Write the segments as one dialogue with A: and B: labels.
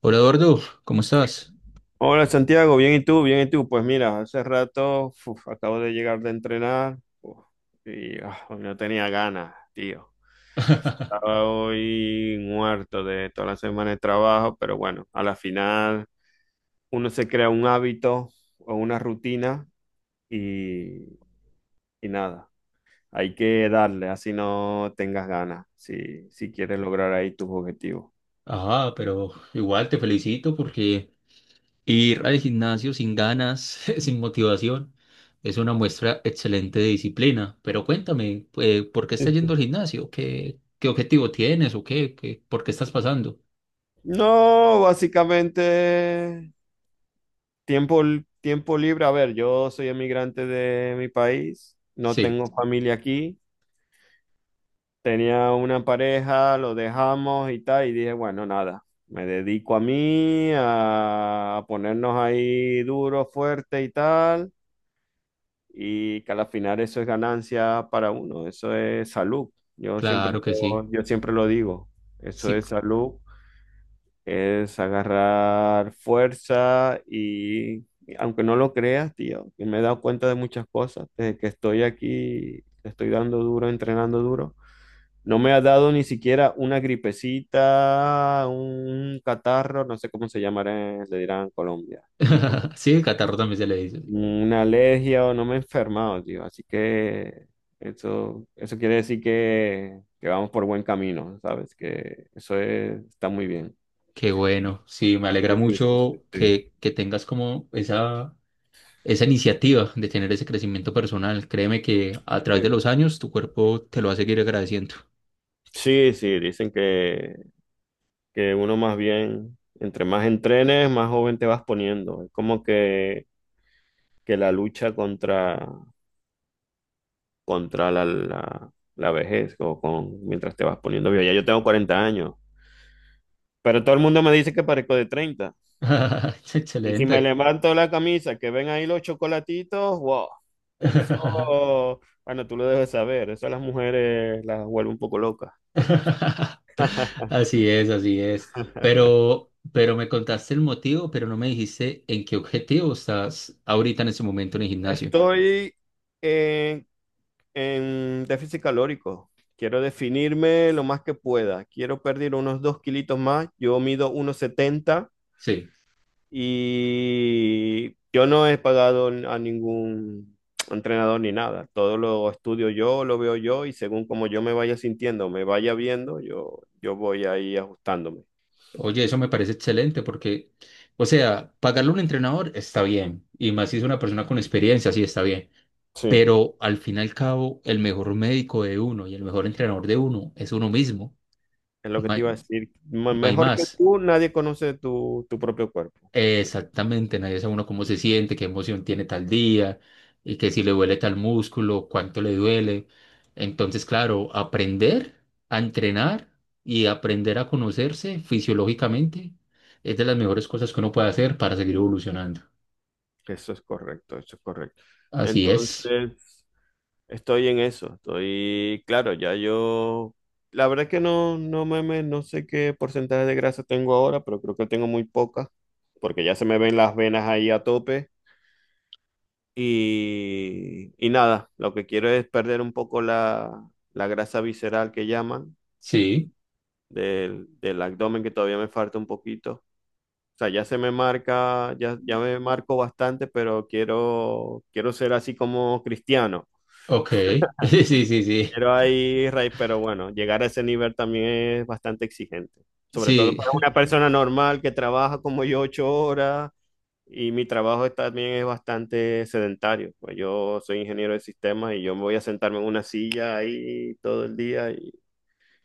A: Hola Eduardo, ¿cómo estás?
B: Hola Santiago, bien y tú, bien y tú. Pues mira, hace rato uf, acabo de llegar de entrenar uf, y ah, no tenía ganas, tío. Estaba hoy muerto de toda la semana de trabajo, pero bueno, a la final uno se crea un hábito o una rutina y, y nada, hay que darle, así no tengas ganas, si, si quieres lograr ahí tus objetivos.
A: Ah, pero igual te felicito porque ir al gimnasio sin ganas, sin motivación, es una muestra excelente de disciplina. Pero cuéntame, ¿por qué
B: Sí,
A: estás yendo
B: sí.
A: al gimnasio? ¿Qué objetivo tienes o qué? ¿Por qué estás pasando?
B: No, básicamente tiempo, tiempo libre, a ver, yo soy emigrante de mi país, no
A: Sí,
B: tengo familia aquí, tenía una pareja, lo dejamos y tal, y dije, bueno, nada, me dedico a mí, a ponernos ahí duro, fuerte y tal, y que al final eso es ganancia para uno, eso es salud, yo siempre,
A: claro que sí.
B: yo siempre lo digo, eso
A: Sí,
B: es salud. Es agarrar fuerza y, aunque no lo creas, tío, que me he dado cuenta de muchas cosas desde que estoy aquí, que estoy dando duro, entrenando duro. No me ha dado ni siquiera una gripecita, un catarro, no sé cómo se llamará, le dirán en Colombia, en Colombia.
A: sí, el catarro también se le dice.
B: Una alergia o no me he enfermado, tío. Así que eso quiere decir que vamos por buen camino, ¿sabes? Que está muy bien.
A: Qué bueno, sí, me alegra
B: Sí, sí, sí, sí,
A: mucho
B: sí.
A: que, que tengas como esa iniciativa de tener ese crecimiento personal. Créeme que a través de
B: Sí.
A: los años tu cuerpo te lo va a seguir agradeciendo.
B: Sí, sí, dicen que uno más bien, entre más entrenes, más joven te vas poniendo. Es como que la lucha contra la vejez o con, mientras te vas poniendo viejo. Ya yo tengo 40 años, pero todo el mundo me dice que parezco de 30. Y si me
A: Excelente.
B: levanto la camisa, que ven ahí los chocolatitos, wow, eso, bueno, tú lo debes saber, eso a las mujeres las vuelve un poco locas.
A: Así es, así es. Pero me contaste el motivo, pero no me dijiste en qué objetivo estás ahorita en ese momento en el gimnasio.
B: Estoy en en déficit calórico. Quiero definirme lo más que pueda. Quiero perder unos 2 kilitos más. Yo mido 1,70
A: Sí.
B: y yo no he pagado a ningún entrenador ni nada. Todo lo estudio yo, lo veo yo y según como yo me vaya sintiendo, me vaya viendo, yo voy ahí ajustándome.
A: Oye, eso me parece excelente porque, o sea, pagarle a un entrenador está bien, y más si es una persona con experiencia, sí está bien.
B: Sí.
A: Pero al fin y al cabo, el mejor médico de uno y el mejor entrenador de uno es uno mismo.
B: Es lo que
A: No
B: te
A: hay,
B: iba a decir.
A: no hay
B: Mejor que
A: más.
B: tú, nadie conoce tu, tu propio cuerpo.
A: Exactamente, nadie sabe uno cómo se siente, qué emoción tiene tal día y que si le duele tal músculo, cuánto le duele. Entonces, claro, aprender a entrenar y aprender a conocerse fisiológicamente es de las mejores cosas que uno puede hacer para seguir evolucionando.
B: Eso es correcto, eso es correcto.
A: Así es.
B: Entonces, estoy en eso, estoy, claro, ya yo, la verdad es que no, no no sé qué porcentaje de grasa tengo ahora, pero creo que tengo muy poca, porque ya se me ven las venas ahí a tope y nada, lo que quiero es perder un poco la, la grasa visceral que llaman
A: Sí.
B: del, del abdomen que todavía me falta un poquito. O sea, ya se me marca, ya, ya me marco bastante, pero quiero, quiero ser así como Cristiano.
A: Ok. Sí, sí, sí.
B: Quiero ahí, Rey, pero bueno, llegar a ese nivel también es bastante exigente. Sobre todo
A: Sí,
B: para una persona normal que trabaja como yo 8 horas y mi trabajo también es bastante sedentario. Pues yo soy ingeniero de sistemas y yo me voy a sentarme en una silla ahí todo el día y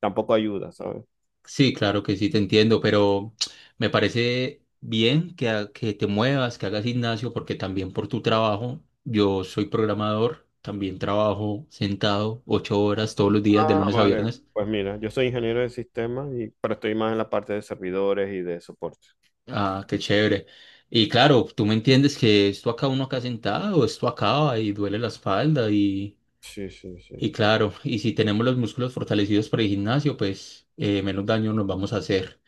B: tampoco ayuda, ¿sabes?
A: sí, claro que sí, te entiendo, pero me parece bien que, que te muevas, que hagas gimnasio, porque también por tu trabajo, yo soy programador, también trabajo sentado 8 horas todos los días, de
B: Ah,
A: lunes a
B: vale.
A: viernes.
B: Pues mira, yo soy ingeniero de sistemas y pero estoy más en la parte de servidores y de soporte.
A: Ah, qué chévere. Y claro, tú me entiendes que esto acá uno acá sentado, esto acaba y duele la espalda
B: Sí, sí, sí,
A: y
B: sí.
A: claro, y si tenemos los músculos fortalecidos para el gimnasio, pues menos daño nos vamos a hacer.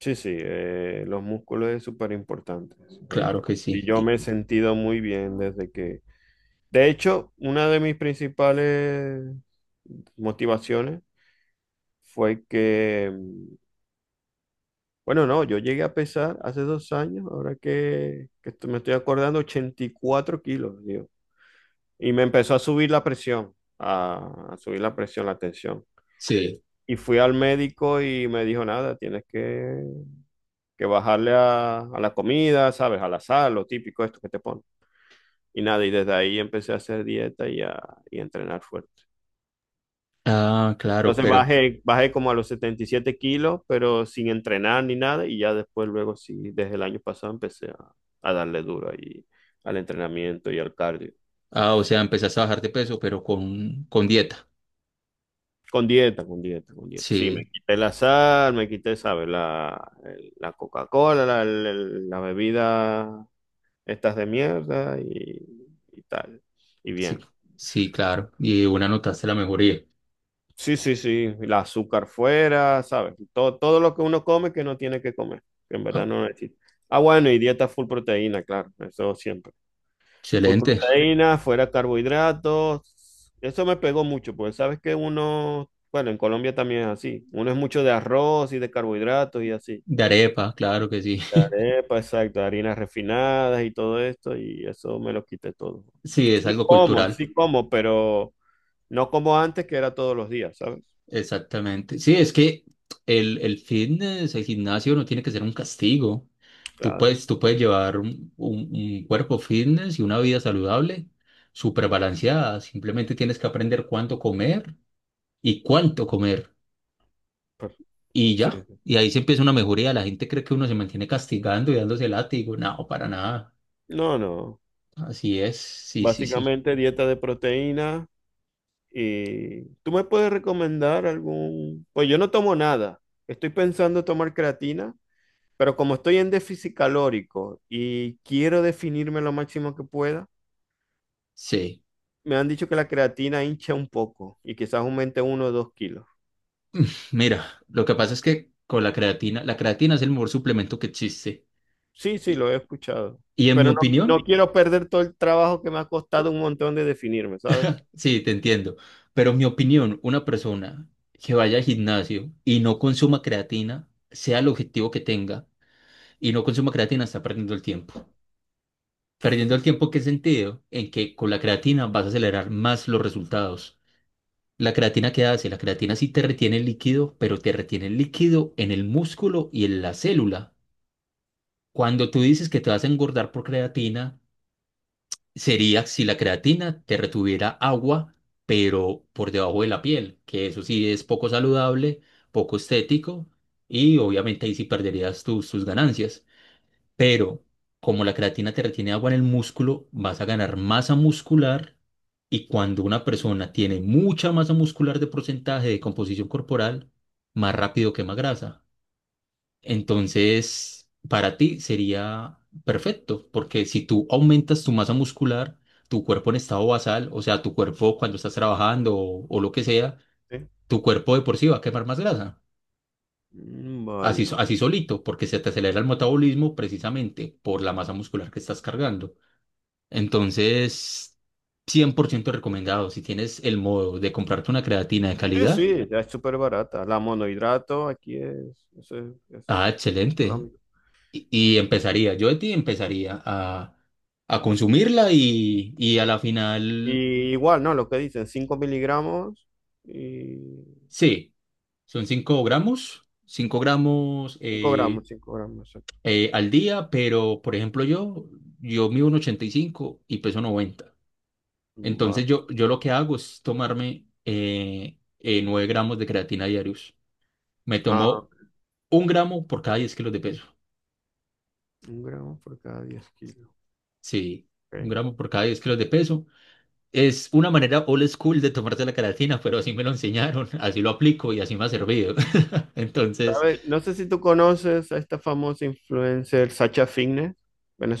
B: Sí, sí, los músculos es súper importante, súper
A: Claro
B: importante.
A: que sí.
B: Y yo me he
A: Y-
B: sentido muy bien desde que... De hecho, una de mis principales motivaciones fue que, bueno, no, yo llegué a pesar hace 2 años, ahora que me estoy acordando, 84 kilos, digo. Y me empezó a subir la presión, a subir la presión, la tensión.
A: Sí.
B: Y fui al médico y me dijo, nada, tienes que bajarle a la comida, ¿sabes? A la sal, lo típico esto que te ponen. Y nada, y desde ahí empecé a hacer dieta y a entrenar fuerte.
A: Ah, claro,
B: Entonces claro,
A: pero...
B: bajé, bajé como a los 77 kilos, pero sin entrenar ni nada, y ya después, luego sí, desde el año pasado empecé a darle duro ahí al entrenamiento y al cardio.
A: Ah, o sea, empezaste a bajar de peso, pero con dieta.
B: Con dieta, con dieta, con dieta. Sí, me
A: Sí,
B: quité la sal, me quité, ¿sabes? La Coca-Cola, la bebida estas de mierda y tal. Y
A: sí,
B: bien.
A: sí, claro. Y una notaste la mejoría.
B: Sí, sí, sí, el azúcar fuera, ¿sabes? Todo, todo lo que uno come que no tiene que comer, que en verdad
A: Ah,
B: no necesita. Ah, bueno, y dieta full proteína, claro, eso siempre. Full
A: excelente.
B: proteína, fuera carbohidratos. Eso me pegó mucho, porque sabes que uno, bueno, en Colombia también es así. Uno es mucho de arroz y de carbohidratos y así.
A: De arepa, claro que sí.
B: De arepa, exacto, harinas refinadas y todo esto, y eso me lo quité todo.
A: Sí, es algo cultural.
B: Sí como, pero no como antes, que era todos los días, ¿sabes?
A: Exactamente. Sí, es que el fitness, el gimnasio no tiene que ser un castigo.
B: Claro,
A: Tú puedes llevar un, un cuerpo fitness y una vida saludable, súper balanceada. Simplemente tienes que aprender cuánto comer. Y
B: sí.
A: ya, y ahí se empieza una mejoría. La gente cree que uno se mantiene castigando y dándose látigo. No, para nada.
B: No, no.
A: Así es. Sí, sí, sí.
B: Básicamente dieta de proteína. Y tú me puedes recomendar algún... Pues yo no tomo nada. Estoy pensando tomar creatina, pero como estoy en déficit calórico y quiero definirme lo máximo que pueda,
A: Sí.
B: me han dicho que la creatina hincha un poco y quizás aumente 1 o 2 kilos.
A: Mira, lo que pasa es que con la creatina es el mejor suplemento que existe.
B: Sí, sí,
A: Y,
B: lo he escuchado.
A: y en mi
B: Pero no, no
A: opinión,
B: quiero perder todo el trabajo que me ha costado un montón de definirme, ¿sabes?
A: sí, te entiendo. Pero en mi opinión, una persona que vaya al gimnasio y no consuma creatina, sea el objetivo que tenga, y no consuma creatina, está perdiendo el tiempo. Perdiendo el tiempo, ¿qué sentido? En que con la creatina vas a acelerar más los resultados. La creatina, ¿qué hace? La creatina sí te retiene el líquido, pero te retiene el líquido en el músculo y en la célula. Cuando tú dices que te vas a engordar por creatina, sería si la creatina te retuviera agua, pero por debajo de la piel, que eso sí es poco saludable, poco estético y obviamente ahí sí perderías tus ganancias. Pero como la creatina te retiene agua en el músculo, vas a ganar masa muscular y cuando una persona tiene mucha masa muscular de porcentaje de composición corporal, más rápido quema grasa. Entonces, para ti sería perfecto, porque si tú aumentas tu masa muscular, tu cuerpo en estado basal, o sea, tu cuerpo cuando estás trabajando o lo que sea,
B: Sí.
A: tu cuerpo de por sí va a quemar más grasa.
B: Mm, vale.
A: Así, así solito, porque se te acelera el metabolismo precisamente por la masa muscular que estás cargando. Entonces, 100% recomendado. Si tienes el modo de comprarte una creatina de
B: Sí,
A: calidad,
B: sí, ya es súper barata. La monohidrato aquí es, eso es
A: ah, excelente.
B: económico.
A: Y empezaría, yo de ti empezaría a consumirla y a la final,
B: Y igual, ¿no? Lo que dicen, 5 mg y
A: sí, son 5 gramos,
B: 5 gramos, 5 g, exacto.
A: al día, pero por ejemplo yo, yo, mido un ochenta y cinco y peso noventa. Entonces yo,
B: Vale.
A: yo lo que hago es tomarme 9 gramos de creatina diarios. Me
B: Ah,
A: tomo Un gramo por cada 10 kilos de peso.
B: 1 gramo por cada 10 kilos.
A: Sí, un
B: Ok.
A: gramo por cada 10 kilos de peso. Es una manera old school de tomarte la creatina, pero así me lo enseñaron, así lo aplico y así me ha servido. Entonces,
B: ¿Sabes? No sé si tú conoces a esta famosa influencer Sacha Fitness,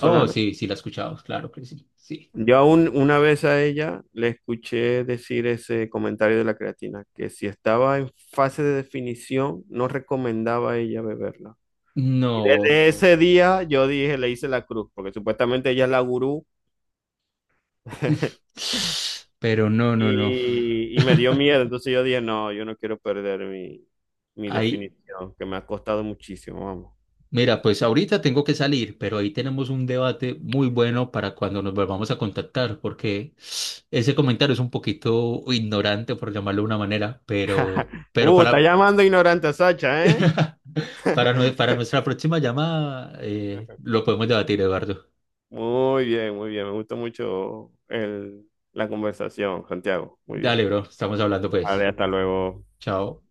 A: oh, sí, sí la he escuchado, claro que sí, sí.
B: Yo aún una vez a ella le escuché decir ese comentario de la creatina, que si estaba en fase de definición, no recomendaba a ella beberla. Y
A: No,
B: desde ese día yo dije, le hice la cruz, porque supuestamente ella es la gurú
A: pero no, no, no.
B: y me dio miedo. Entonces yo dije, no, yo no quiero perder mi, mi
A: Ahí,
B: definición, que me ha costado muchísimo, vamos.
A: mira, pues ahorita tengo que salir, pero ahí tenemos un debate muy bueno para cuando nos volvamos a contactar, porque ese comentario es un poquito ignorante, por llamarlo de una manera, pero
B: Está
A: para,
B: llamando ignorante a Sacha, ¿eh?
A: Para, para nuestra próxima llamada, lo podemos debatir, Eduardo.
B: Muy bien, muy bien. Me gustó mucho la conversación, Santiago. Muy bien.
A: Dale, bro, estamos hablando
B: Vale,
A: pues.
B: hasta luego.
A: Chao.